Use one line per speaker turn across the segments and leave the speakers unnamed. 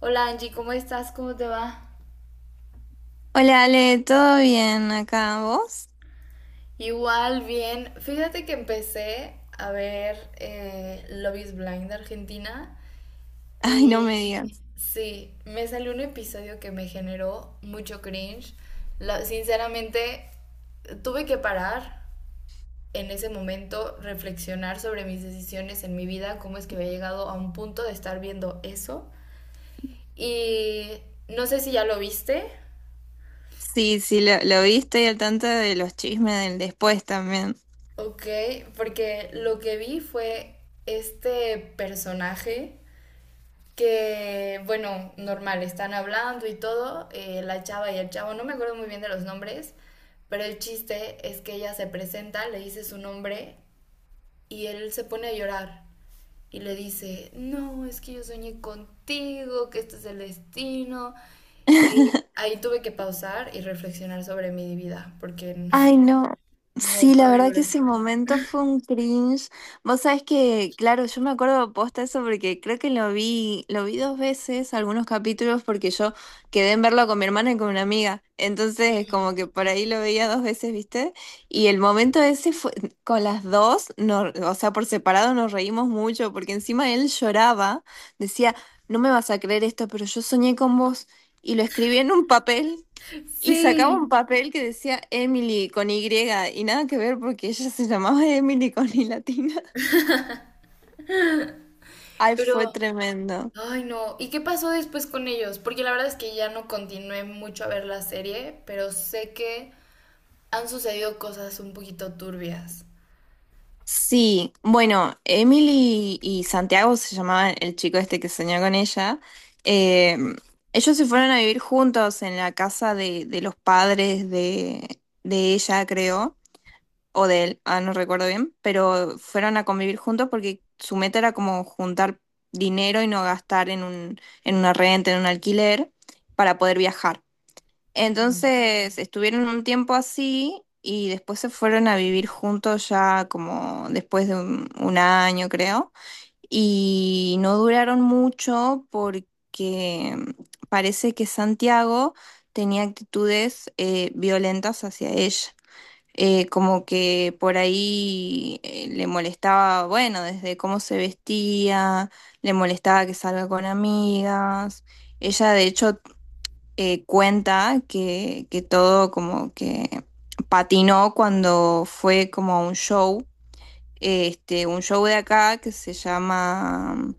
Hola Angie, ¿cómo estás? ¿Cómo te va?
Hola Ale, ¿todo bien acá? ¿Vos?
Igual, bien. Fíjate que empecé a ver Love is Blind de Argentina
Ay, no me
y
digas.
sí, me salió un episodio que me generó mucho cringe. Sinceramente, tuve que parar en ese momento, reflexionar sobre mis decisiones en mi vida, cómo es que había llegado a un punto de estar viendo eso. Y no sé si ya lo viste.
Sí, sí, lo vi, estoy al tanto de los chismes del después también.
Ok, porque lo que vi fue este personaje que, bueno, normal, están hablando y todo, la chava y el chavo, no me acuerdo muy bien de los nombres, pero el chiste es que ella se presenta, le dice su nombre y él se pone a llorar y le dice, no, es que yo soñé contigo, que este es el destino. Ahí, ahí tuve que pausar y reflexionar sobre mi vida, porque
Ay, no.
no,
Sí,
fue
la verdad que
horrible.
ese momento fue un cringe. Vos sabés que, claro, yo me acuerdo posta eso porque creo que lo vi dos veces, algunos capítulos, porque yo quedé en verlo con mi hermana y con una amiga. Entonces, como que por ahí lo veía dos veces, ¿viste? Y el momento ese fue, con las dos, no, o sea, por separado nos reímos mucho, porque encima él lloraba, decía, no me vas a creer esto, pero yo soñé con vos. Y lo escribí en un papel. Y sacaba un
Sí,
papel que decía Emily con Y y nada que ver porque ella se llamaba Emily con Y latina. Ay, fue
pero...
tremendo.
Ay, no. ¿Y qué pasó después con ellos? Porque la verdad es que ya no continué mucho a ver la serie, pero sé que han sucedido cosas un poquito turbias.
Sí, bueno, Emily y Santiago se llamaban el chico este que soñó con ella. eh, Ellos se fueron a vivir juntos en la casa de los padres de ella, creo. O de él, ah, no recuerdo bien, pero fueron a convivir juntos porque su meta era como juntar dinero y no gastar en un, en una renta, en un alquiler, para poder viajar.
Mm.
Entonces estuvieron un tiempo así y después se fueron a vivir juntos ya como después de un año, creo, y no duraron mucho porque parece que Santiago tenía actitudes violentas hacia ella como que por ahí le molestaba, bueno, desde cómo se vestía, le molestaba que salga con amigas. Ella de hecho cuenta que todo como que patinó cuando fue como a un show, este, un show de acá que se llama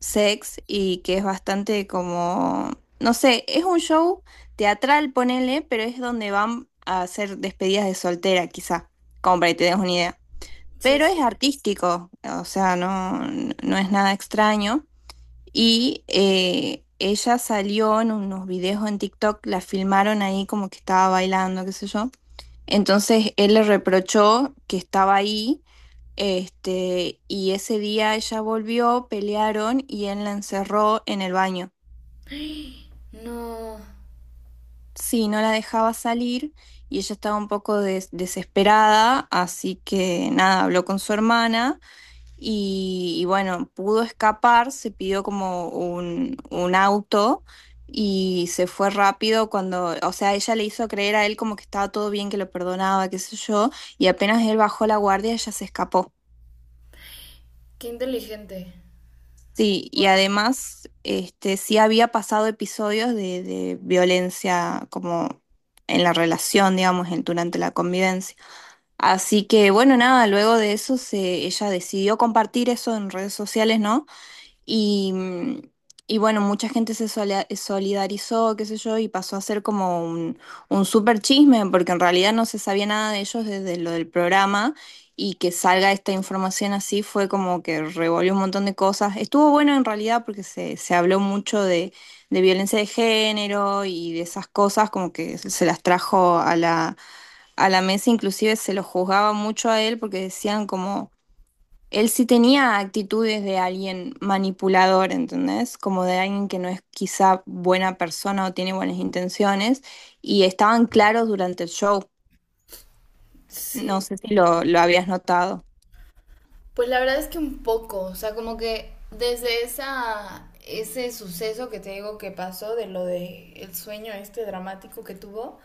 Sex y que es bastante como, no sé, es un show teatral, ponele, pero es donde van a hacer despedidas de soltera, quizá, como para que te des una idea.
Sí,
Pero
sí.
es artístico, o sea, no, no es nada extraño. Y ella salió en unos videos en TikTok, la filmaron ahí como que estaba bailando, qué sé yo. Entonces él le reprochó que estaba ahí este, y ese día ella volvió, pelearon y él la encerró en el baño.
No,
Sí, no la dejaba salir y ella estaba un poco desesperada, así que nada, habló con su hermana y bueno, pudo escapar, se pidió como un auto y se fue rápido cuando, o sea, ella le hizo creer a él como que estaba todo bien, que lo perdonaba, qué sé yo, y apenas él bajó la guardia, ella se escapó.
qué inteligente.
Sí, y
Wow.
además, este, sí había pasado episodios de violencia como en la relación, digamos, durante la convivencia. Así que, bueno, nada, luego de eso se, ella decidió compartir eso en redes sociales, ¿no? Y, y bueno, mucha gente se solidarizó, qué sé yo, y pasó a ser como un súper chisme, porque en realidad no se sabía nada de ellos desde lo del programa, y que salga esta información así fue como que revolvió un montón de cosas. Estuvo bueno en realidad porque se habló mucho de violencia de género y de esas cosas, como que se las trajo a la mesa, inclusive se lo juzgaba mucho a él porque decían como él sí tenía actitudes de alguien manipulador, ¿entendés? Como de alguien que no es quizá buena persona o tiene buenas intenciones, y estaban claros durante el show. No
Sí.
sé si lo, lo habías notado.
Pues la verdad es que un poco, o sea, como que desde esa, ese suceso que te digo que pasó, de lo de el sueño este dramático que tuvo,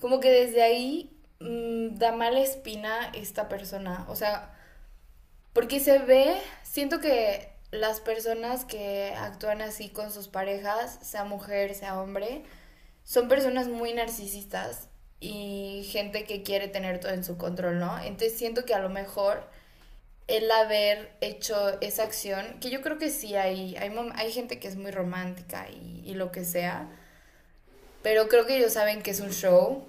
como que desde ahí da mala espina esta persona. O sea, porque se ve, siento que las personas que actúan así con sus parejas, sea mujer, sea hombre, son personas muy narcisistas y gente que quiere tener todo en su control, ¿no? Entonces siento que a lo mejor el haber hecho esa acción, que yo creo que sí hay, hay gente que es muy romántica y lo que sea, pero creo que ellos saben que es un show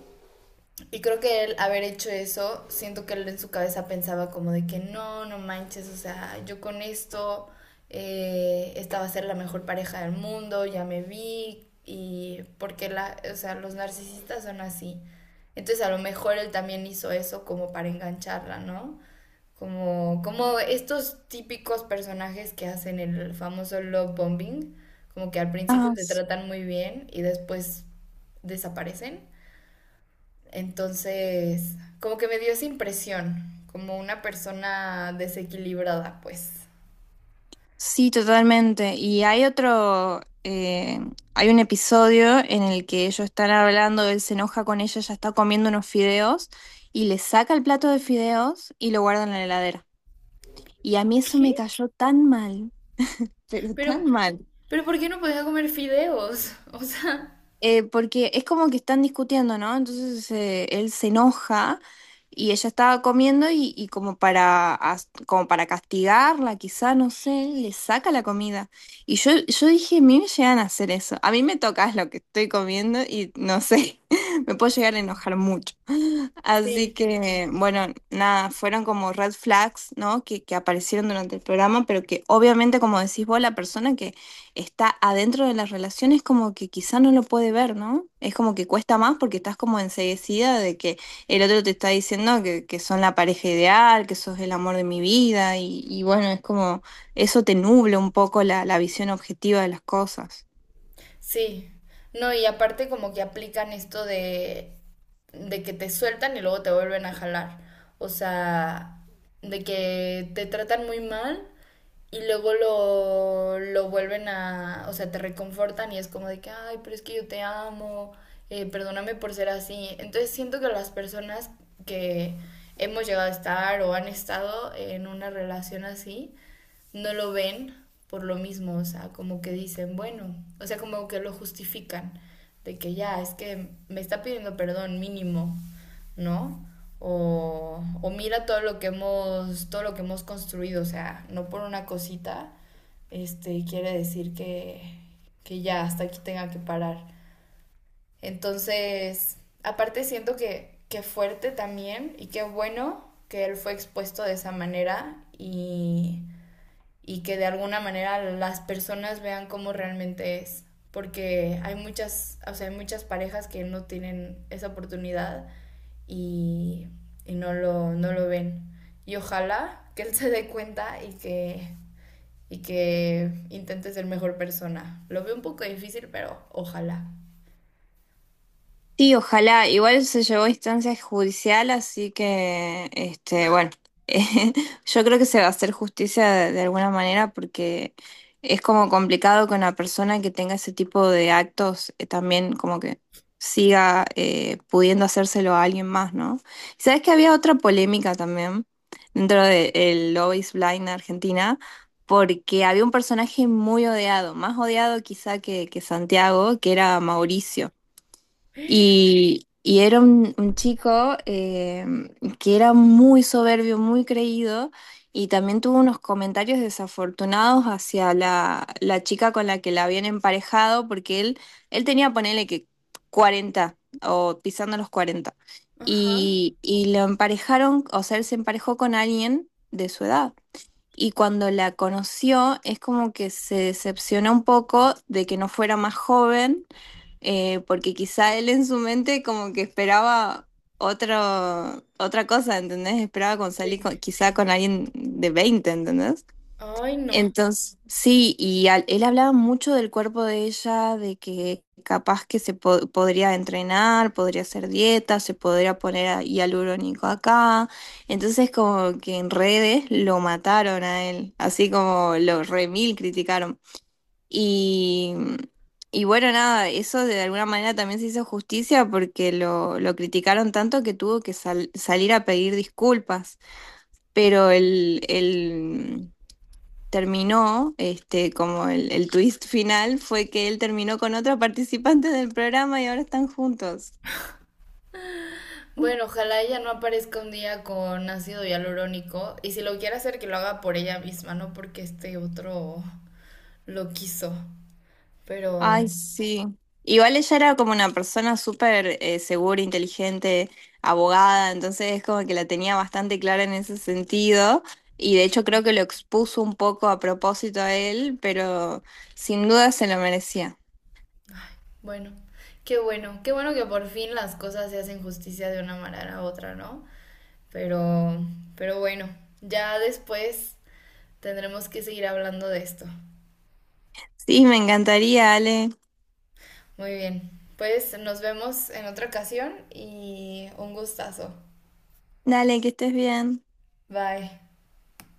y creo que él haber hecho eso, siento que él en su cabeza pensaba como de que no, no manches, o sea, yo con esto, esta va a ser la mejor pareja del mundo, ya me vi, y porque la, o sea, los narcisistas son así. Entonces a lo mejor él también hizo eso como para engancharla, ¿no? Como, como estos típicos personajes que hacen el famoso love bombing, como que al principio
Ah,
te tratan muy bien y después desaparecen. Entonces, como que me dio esa impresión, como una persona desequilibrada, pues.
sí, totalmente. Y hay otro, hay un episodio en el que ellos están hablando, él se enoja con ella, ella está comiendo unos fideos, y le saca el plato de fideos y lo guarda en la heladera. Y a mí eso
¿Qué?
me cayó tan mal, pero tan
Pero,
mal.
pero ¿por qué no podía comer fideos? O sea,
Porque es como que están discutiendo, ¿no? Entonces él se enoja y ella estaba comiendo y como para, como para castigarla, quizá, no sé, le saca la comida. Y yo dije, a mí me llegan a hacer eso. A mí me tocas lo que estoy comiendo y no sé, me puedo llegar a
sí,
enojar mucho. Así
sí, sí. Sí,
que, bueno, nada, fueron como red flags, ¿no? Que aparecieron durante el programa, pero que obviamente, como decís vos, la persona que está adentro de las relaciones, como que quizá no lo puede ver, ¿no? Es como que cuesta más porque estás como enseguecida de que el otro te está diciendo que son la pareja ideal, que sos el amor de mi vida, y bueno, es como eso te nubla un poco la, la visión objetiva de las cosas.
sí. No, y aparte como que aplican esto de que te sueltan y luego te vuelven a jalar. O sea, de que te tratan muy mal y luego lo vuelven a, o sea, te reconfortan y es como de que, ay, pero es que yo te amo, perdóname por ser así. Entonces siento que las personas que hemos llegado a estar o han estado en una relación así, no lo ven por lo mismo, o sea, como que dicen, bueno, o sea, como que lo justifican, de que ya, es que me está pidiendo perdón mínimo, ¿no? O mira todo lo que hemos, todo lo que hemos construido, o sea, no por una cosita, este, quiere decir que ya hasta aquí tenga que parar. Entonces, aparte siento que fuerte también y qué bueno que él fue expuesto de esa manera y que de alguna manera las personas vean cómo realmente es. Porque hay muchas, o sea, hay muchas parejas que no tienen esa oportunidad y, y no, lo, no lo ven. Y ojalá que él se dé cuenta y que intente ser mejor persona. Lo veo un poco difícil, pero ojalá.
Sí, ojalá. Igual se llevó a instancia judicial, así que, este, bueno, eh, yo creo que se va a hacer justicia de alguna manera porque es como complicado que una persona que tenga ese tipo de actos también como que siga pudiendo hacérselo a alguien más, ¿no? Y sabes que había otra polémica también dentro del Love is Blind Argentina, porque había un personaje muy odiado, más odiado quizá que Santiago, que era Mauricio. Y era un chico que era muy soberbio, muy creído, y también tuvo unos comentarios desafortunados hacia la, la chica con la que la habían emparejado, porque él tenía, ponele que 40 o pisando los 40.
Ajá,
Y lo emparejaron, o sea, él se emparejó con alguien de su edad. Y cuando la conoció, es como que se decepcionó un poco de que no fuera más joven porque quizá él en su mente como que esperaba otro, otra cosa, ¿entendés? Esperaba con
sí.
quizá con alguien de 20, ¿entendés?
Ay, no.
Entonces, sí, y él hablaba mucho del cuerpo de ella, de que capaz que se podría entrenar, podría hacer dieta, se podría poner hialurónico acá. Entonces, como que en redes lo mataron a él, así como lo remil criticaron. Y, y bueno, nada, eso de alguna manera también se hizo justicia porque lo criticaron tanto que tuvo que salir a pedir disculpas. Pero el, terminó, este, como el twist final fue que él terminó con otra participante del programa y ahora están juntos.
Bueno, ojalá ella no aparezca un día con ácido hialurónico. Y si lo quiere hacer, que lo haga por ella misma, no porque este otro lo quiso. Pero
Ay, sí. Igual ella era como una persona súper segura, inteligente, abogada, entonces es como que la tenía bastante clara en ese sentido y de hecho creo que lo expuso un poco a propósito a él, pero sin duda se lo merecía.
bueno, qué bueno, qué bueno que por fin las cosas se hacen justicia de una manera u otra, ¿no? Pero, pero bueno, ya después tendremos que seguir hablando de esto.
Sí, me encantaría, Ale.
Muy bien, pues nos vemos en otra ocasión y un gustazo.
Dale, que estés bien.
Bye.